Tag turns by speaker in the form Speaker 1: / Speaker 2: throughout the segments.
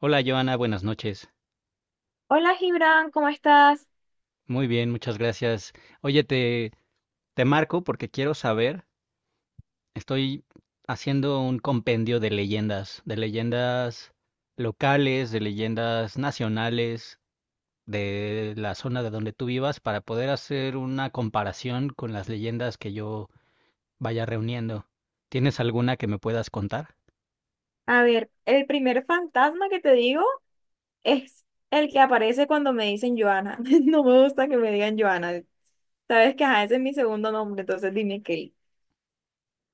Speaker 1: Hola Joana, buenas noches.
Speaker 2: Hola Gibran, ¿cómo estás?
Speaker 1: Muy bien, muchas gracias. Oye, te marco porque quiero saber, estoy haciendo un compendio de leyendas locales, de leyendas nacionales, de la zona de donde tú vivas, para poder hacer una comparación con las leyendas que yo vaya reuniendo. ¿Tienes alguna que me puedas contar?
Speaker 2: A ver, el primer fantasma que te digo es el que aparece cuando me dicen Joana. No me gusta que me digan Joana. Sabes que ajá, ese es mi segundo nombre, entonces dime Kelly.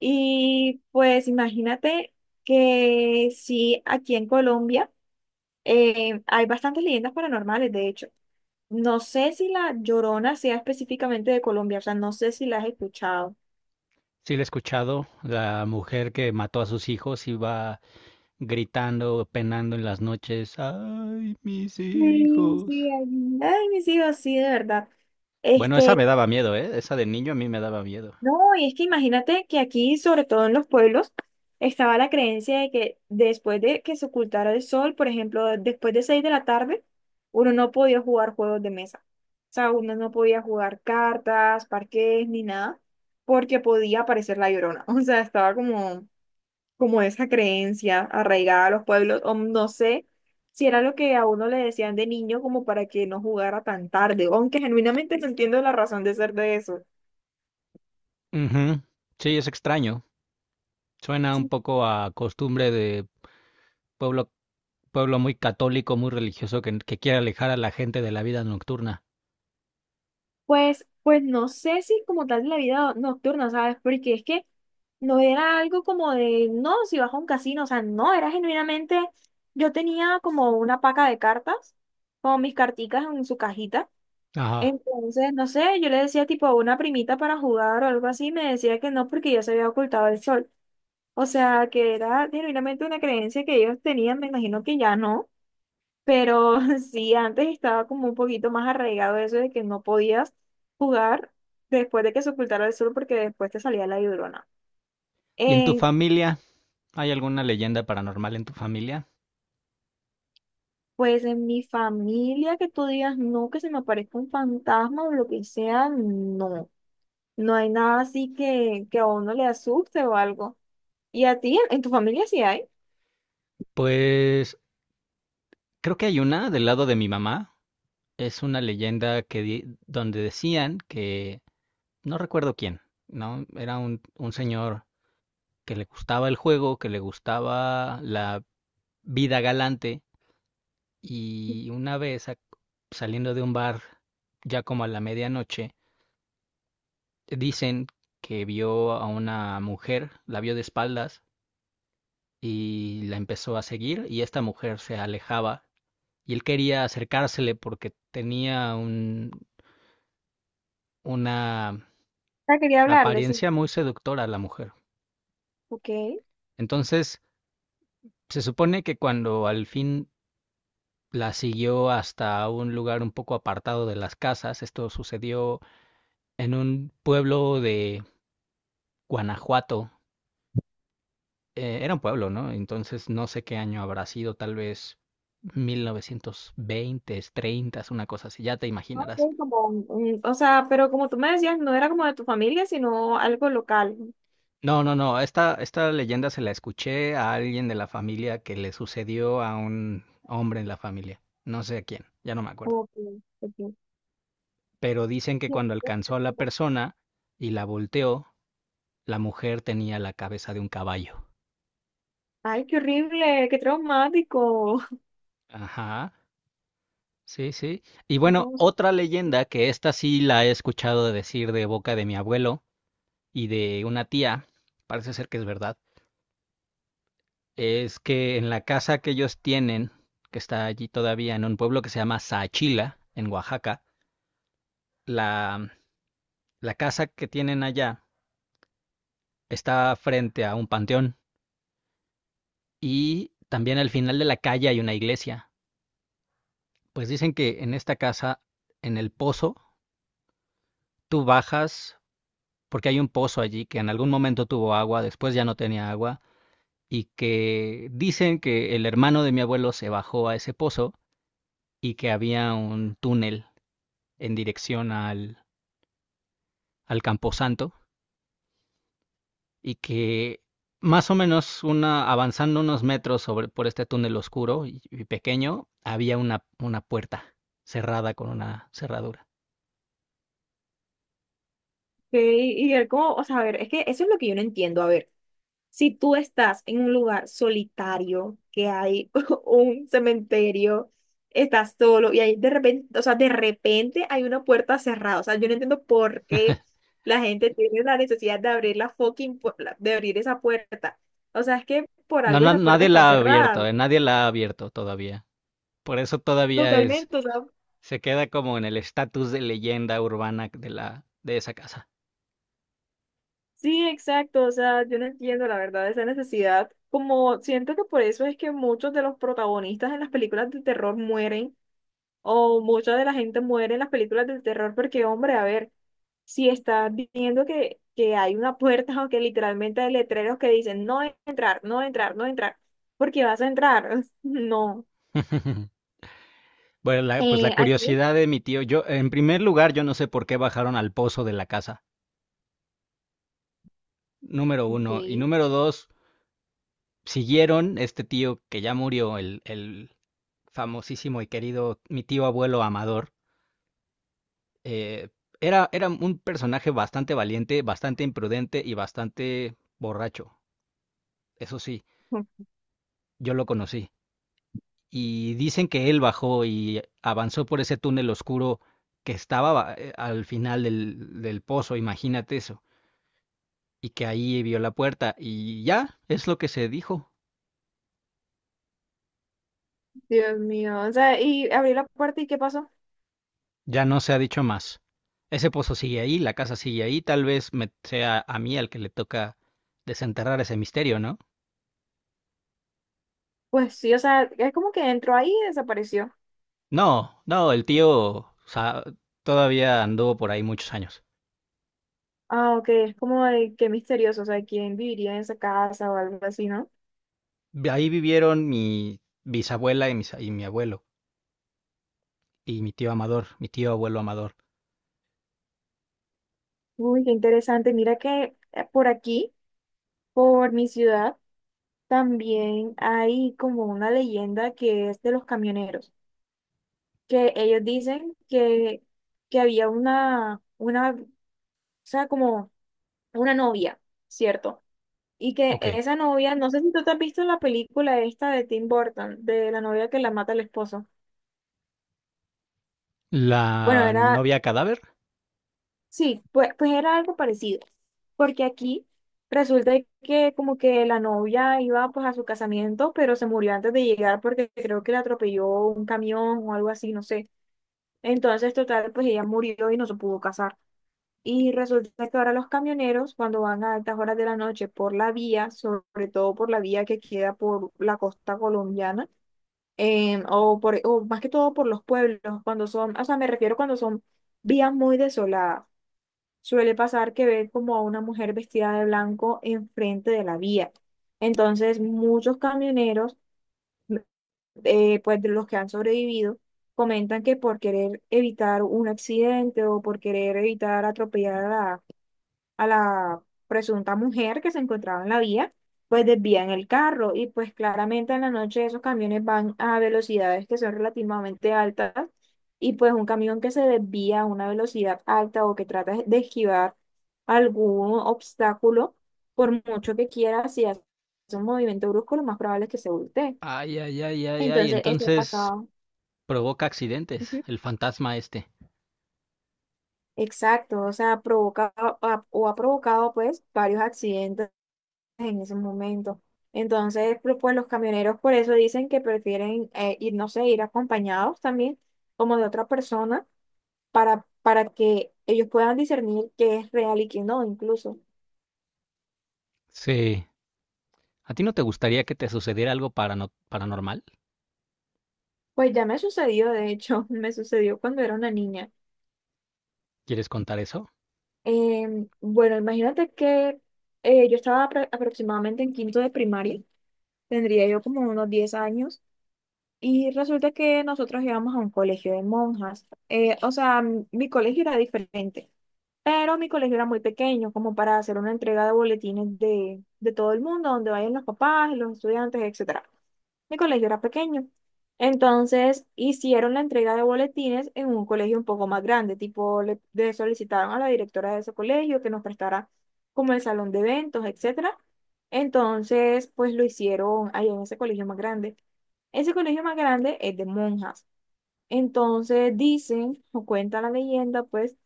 Speaker 2: Y pues imagínate que sí, aquí en Colombia hay bastantes leyendas paranormales, de hecho. No sé si la Llorona sea específicamente de Colombia, o sea, no sé si la has escuchado.
Speaker 1: Sí, la he escuchado, la mujer que mató a sus hijos iba gritando, penando en las noches, ay, mis
Speaker 2: Sí,
Speaker 1: hijos.
Speaker 2: sí, ay, ay, mis hijos, sí, de verdad.
Speaker 1: Bueno, esa me
Speaker 2: Este,
Speaker 1: daba miedo, ¿eh? Esa de niño a mí me daba miedo.
Speaker 2: No, y es que imagínate que aquí, sobre todo en los pueblos, estaba la creencia de que después de que se ocultara el sol, por ejemplo, después de 6 de la tarde, uno no podía jugar juegos de mesa. O sea, uno no podía jugar cartas, parques, ni nada, porque podía aparecer la llorona. O sea, estaba como, como esa creencia arraigada a los pueblos, o no sé si era lo que a uno le decían de niño como para que no jugara tan tarde, aunque genuinamente no entiendo la razón de ser de eso.
Speaker 1: Ujú. Sí, es extraño. Suena un poco a costumbre de pueblo, pueblo muy católico, muy religioso, que quiere alejar a la gente de la vida nocturna.
Speaker 2: Pues, no sé si como tal de la vida nocturna, ¿sabes? Porque es que no era algo como de, no, si vas a un casino, o sea, no, era genuinamente, yo tenía como una paca de cartas, como mis carticas en su cajita.
Speaker 1: Ajá.
Speaker 2: Entonces, no sé, yo le decía tipo a una primita para jugar o algo así, me decía que no porque ya se había ocultado el sol. O sea, que era genuinamente una creencia que ellos tenían, me imagino que ya no. Pero sí, antes estaba como un poquito más arraigado eso de que no podías jugar después de que se ocultara el sol porque después te salía la llorona.
Speaker 1: ¿Y en tu
Speaker 2: En-
Speaker 1: familia? ¿Hay alguna leyenda paranormal en tu familia?
Speaker 2: pues en mi familia que tú digas no, que se me aparezca un fantasma o lo que sea, no. No hay nada así que a uno le asuste o algo. ¿Y a ti, en tu familia sí hay?
Speaker 1: Pues creo que hay una del lado de mi mamá. Es una leyenda donde decían que no recuerdo quién, ¿no? Era un señor que le gustaba el juego, que le gustaba la vida galante y saliendo de un bar ya como a la medianoche, dicen que vio a una mujer, la vio de espaldas y la empezó a seguir y esta mujer se alejaba y él quería acercársele porque una
Speaker 2: Ah, quería hablarle, sí.
Speaker 1: apariencia muy seductora la mujer.
Speaker 2: Ok.
Speaker 1: Entonces, se supone que cuando al fin la siguió hasta un lugar un poco apartado de las casas. Esto sucedió en un pueblo de Guanajuato. Era un pueblo, ¿no? Entonces no sé qué año habrá sido, tal vez 1920, 30, una cosa así, ya te
Speaker 2: Ah,
Speaker 1: imaginarás.
Speaker 2: ok, como o sea, pero como tú me decías, no era como de tu familia, sino algo local.
Speaker 1: No, no, no, esta leyenda se la escuché a alguien de la familia que le sucedió a un hombre en la familia, no sé a quién, ya no me acuerdo.
Speaker 2: Ok, ok.
Speaker 1: Pero dicen que cuando alcanzó a la persona y la volteó, la mujer tenía la cabeza de un caballo.
Speaker 2: Ay, qué horrible, qué traumático.
Speaker 1: Ajá. Sí, sí. Y bueno,
Speaker 2: No, o sea,
Speaker 1: otra
Speaker 2: ok,
Speaker 1: leyenda que esta sí la he escuchado decir de boca de mi abuelo y de una tía, parece ser que es verdad, es que en la casa que ellos tienen, que está allí todavía en un pueblo que se llama Saachila, en Oaxaca, la, la casa que tienen allá está frente a un panteón y también al final de la calle hay una iglesia. Pues dicen que en esta casa, en el pozo, tú bajas porque hay un pozo allí que en algún momento tuvo agua, después ya no tenía agua, y que dicen que el hermano de mi abuelo se bajó a ese pozo y que había un túnel en dirección al Camposanto y que más o menos avanzando unos metros sobre, por este túnel oscuro y pequeño, había una puerta cerrada con una cerradura.
Speaker 2: y él como, o sea, a ver, es que eso es lo que yo no entiendo. A ver, si tú estás en un lugar solitario, que hay un cementerio, estás solo y ahí de repente, o sea, de repente hay una puerta cerrada. O sea, yo no entiendo por qué la gente tiene la necesidad de abrir la fucking, de abrir esa puerta. O sea, es que por
Speaker 1: No,
Speaker 2: algo
Speaker 1: no,
Speaker 2: esa puerta
Speaker 1: nadie
Speaker 2: está
Speaker 1: la ha abierto,
Speaker 2: cerrada.
Speaker 1: nadie la ha abierto todavía. Por eso todavía es.
Speaker 2: Totalmente, o sea,
Speaker 1: Se queda como en el estatus de leyenda urbana de de esa casa.
Speaker 2: sí, exacto. O sea, yo no entiendo la verdad esa necesidad. Como siento que por eso es que muchos de los protagonistas en las películas de terror mueren o mucha de la gente muere en las películas de terror porque, hombre, a ver, si estás viendo que hay una puerta o que literalmente hay letreros que dicen no entrar, no entrar, no entrar, porque vas a entrar. No.
Speaker 1: Bueno, pues la
Speaker 2: Aquí.
Speaker 1: curiosidad de mi tío, yo, en primer lugar, yo no sé por qué bajaron al pozo de la casa, número uno. Y
Speaker 2: Ok.
Speaker 1: número dos, siguieron este tío que ya murió, el famosísimo y querido, mi tío abuelo Amador. eh, era un personaje bastante valiente, bastante imprudente y bastante borracho. Eso sí, yo lo conocí. Y dicen que él bajó y avanzó por ese túnel oscuro que al final del pozo, imagínate eso, y que ahí vio la puerta y ya es lo que se dijo,
Speaker 2: Dios mío, o sea, y abrí la puerta y ¿qué pasó?
Speaker 1: ya no se ha dicho más. Ese pozo sigue ahí, la casa sigue ahí, tal vez me sea a mí al que le toca desenterrar ese misterio, ¿no?
Speaker 2: Pues sí, o sea, es como que entró ahí y desapareció.
Speaker 1: No, no, todavía anduvo por ahí muchos años.
Speaker 2: Ah, ok, es como de qué misterioso, o sea, quién viviría en esa casa o algo así, ¿no?
Speaker 1: Ahí vivieron mi bisabuela y mi abuelo, y mi tío Amador, mi tío abuelo Amador.
Speaker 2: Uy, qué interesante. Mira que por aquí, por mi ciudad, también hay como una leyenda que es de los camioneros, que ellos dicen que había o sea, como una novia, ¿cierto? Y que
Speaker 1: Ok.
Speaker 2: esa novia, no sé si tú te has visto la película esta de Tim Burton, de la novia que la mata el esposo. Bueno,
Speaker 1: La
Speaker 2: era,
Speaker 1: novia cadáver.
Speaker 2: sí, pues era algo parecido, porque aquí resulta que como que la novia iba pues a su casamiento, pero se murió antes de llegar porque creo que le atropelló un camión o algo así, no sé. Entonces, total, pues ella murió y no se pudo casar. Y resulta que ahora los camioneros, cuando van a altas horas de la noche por la vía, sobre todo por la vía que queda por la costa colombiana, o más que todo por los pueblos, cuando son, o sea, me refiero cuando son vías muy desoladas suele pasar que ven como a una mujer vestida de blanco enfrente de la vía. Entonces, muchos camioneros, pues de los que han sobrevivido, comentan que por querer evitar un accidente o por querer evitar atropellar a la presunta mujer que se encontraba en la vía, pues desvían el carro y pues claramente en la noche esos camiones van a velocidades que son relativamente altas y pues un camión que se desvía a una velocidad alta o que trata de esquivar algún obstáculo, por mucho que quiera, si hace un movimiento brusco, lo más probable es que se voltee.
Speaker 1: Ay, ay, ay, ay, ay.
Speaker 2: Entonces, eso ha
Speaker 1: Entonces
Speaker 2: pasado.
Speaker 1: provoca accidentes,
Speaker 2: Ujú.
Speaker 1: el fantasma este.
Speaker 2: Exacto, o sea, provoca o ha provocado pues varios accidentes en ese momento. Entonces, pero, pues los camioneros por eso dicen que prefieren ir, no sé, ir acompañados también, como de otra persona, para que ellos puedan discernir qué es real y qué no, incluso.
Speaker 1: Sí. ¿A ti no te gustaría que te sucediera algo paranormal?
Speaker 2: Pues ya me sucedió, de hecho, me sucedió cuando era una niña.
Speaker 1: ¿Quieres contar eso?
Speaker 2: Bueno, imagínate que yo estaba aproximadamente en quinto de primaria, tendría yo como unos 10 años. Y resulta que nosotros íbamos a un colegio de monjas. O sea, mi colegio era diferente, pero mi colegio era muy pequeño, como para hacer una entrega de boletines de todo el mundo, donde vayan los papás, los estudiantes, etc. Mi colegio era pequeño. Entonces hicieron la entrega de boletines en un colegio un poco más grande, tipo le solicitaron a la directora de ese colegio que nos prestara como el salón de eventos, etcétera. Entonces, pues lo hicieron ahí en ese colegio más grande. Ese colegio más grande es de monjas. Entonces dicen, o cuenta la leyenda, pues,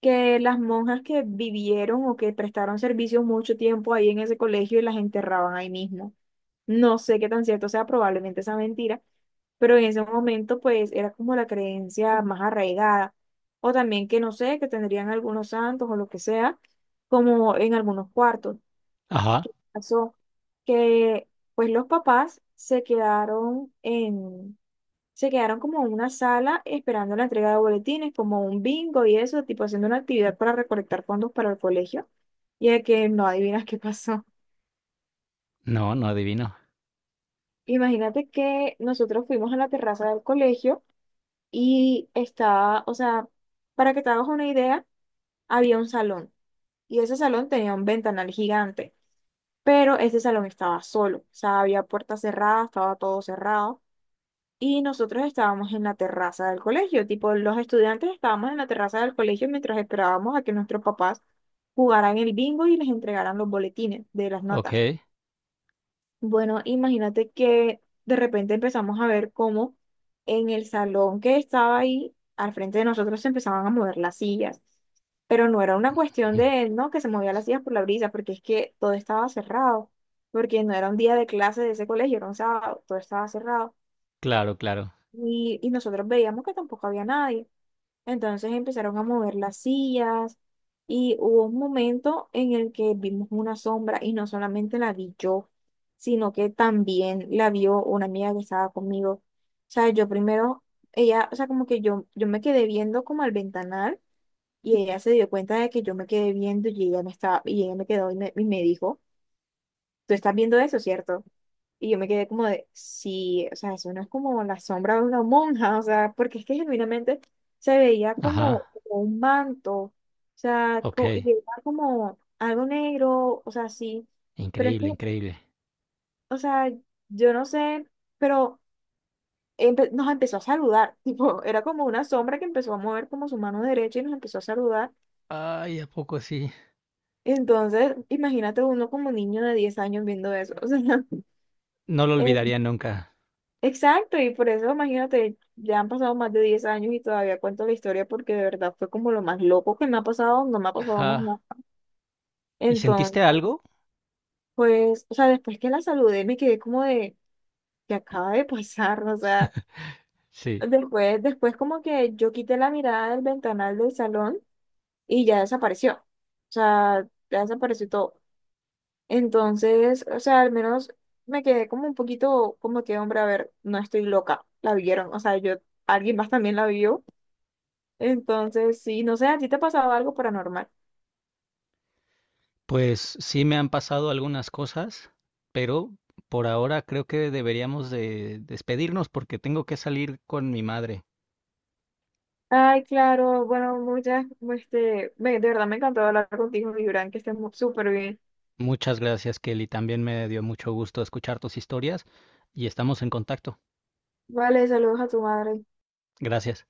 Speaker 2: que las monjas que vivieron o que prestaron servicio mucho tiempo ahí en ese colegio y las enterraban ahí mismo. No sé qué tan cierto sea, probablemente sea mentira, pero en ese momento pues era como la creencia más arraigada. O también que no sé, que tendrían algunos santos o lo que sea, como en algunos cuartos.
Speaker 1: Ajá.
Speaker 2: Pasó que pues los papás se quedaron como en una sala esperando la entrega de boletines, como un bingo y eso, tipo haciendo una actividad para recolectar fondos para el colegio. Y de que no adivinas qué pasó.
Speaker 1: No, no adivino.
Speaker 2: Imagínate que nosotros fuimos a la terraza del colegio y estaba, o sea, para que te hagas una idea, había un salón y ese salón tenía un ventanal gigante, pero ese salón estaba solo, o sea, había puertas cerradas, estaba todo cerrado. Y nosotros estábamos en la terraza del colegio, tipo los estudiantes estábamos en la terraza del colegio mientras esperábamos a que nuestros papás jugaran el bingo y les entregaran los boletines de las notas.
Speaker 1: Ok.
Speaker 2: Bueno, imagínate que de repente empezamos a ver cómo en el salón que estaba ahí, al frente de nosotros, se empezaban a mover las sillas. Pero no era una cuestión de, no, que se movían las sillas por la brisa, porque es que todo estaba cerrado, porque no era un día de clase de ese colegio, era un sábado, todo estaba cerrado.
Speaker 1: Claro, claro.
Speaker 2: Y nosotros veíamos que tampoco había nadie. Entonces empezaron a mover las sillas y hubo un momento en el que vimos una sombra y no solamente la vi yo, sino que también la vio una amiga que estaba conmigo. O sea, yo primero, ella, o sea, como que yo me quedé viendo como al ventanal y ella se dio cuenta de que yo me quedé viendo y ella me estaba, y ella me quedó y me dijo, tú estás viendo eso, ¿cierto? Y yo me quedé como de, sí, o sea, eso no es como la sombra de una monja, o sea, porque es que genuinamente se veía como
Speaker 1: Ajá.
Speaker 2: un manto, o sea,
Speaker 1: Ok.
Speaker 2: y era como algo negro, o sea, sí, pero es
Speaker 1: Increíble,
Speaker 2: que,
Speaker 1: increíble.
Speaker 2: o sea, yo no sé, pero nos empezó a saludar, tipo, era como una sombra que empezó a mover como su mano derecha y nos empezó a saludar.
Speaker 1: Ay, ¿a poco sí?
Speaker 2: Entonces, imagínate uno como niño de 10 años viendo eso, o sea,
Speaker 1: No lo olvidaría nunca.
Speaker 2: exacto, y por eso imagínate, ya han pasado más de 10 años y todavía cuento la historia porque de verdad fue como lo más loco que me ha pasado, no me ha pasado más
Speaker 1: Ajá.
Speaker 2: nada.
Speaker 1: ¿Y sentiste
Speaker 2: Entonces,
Speaker 1: algo?
Speaker 2: pues, o sea, después que la saludé me quedé como de, ¿que acaba de pasar? O sea,
Speaker 1: Sí.
Speaker 2: después como que yo quité la mirada del ventanal del salón y ya desapareció. O sea, ya desapareció todo. Entonces, o sea, al menos me quedé como un poquito como que, hombre, a ver, no estoy loca, la vieron, o sea, yo, alguien más también la vio. Entonces, sí, no sé, ¿a ti te ha pasado algo paranormal?
Speaker 1: Pues sí me han pasado algunas cosas, pero por ahora creo que deberíamos de despedirnos porque tengo que salir con mi madre.
Speaker 2: Ay, claro, bueno, muchas, de verdad me encantó hablar contigo, Gibran, que estés súper bien.
Speaker 1: Muchas gracias, Kelly. También me dio mucho gusto escuchar tus historias y estamos en contacto.
Speaker 2: Vale, saludos a tu madre.
Speaker 1: Gracias.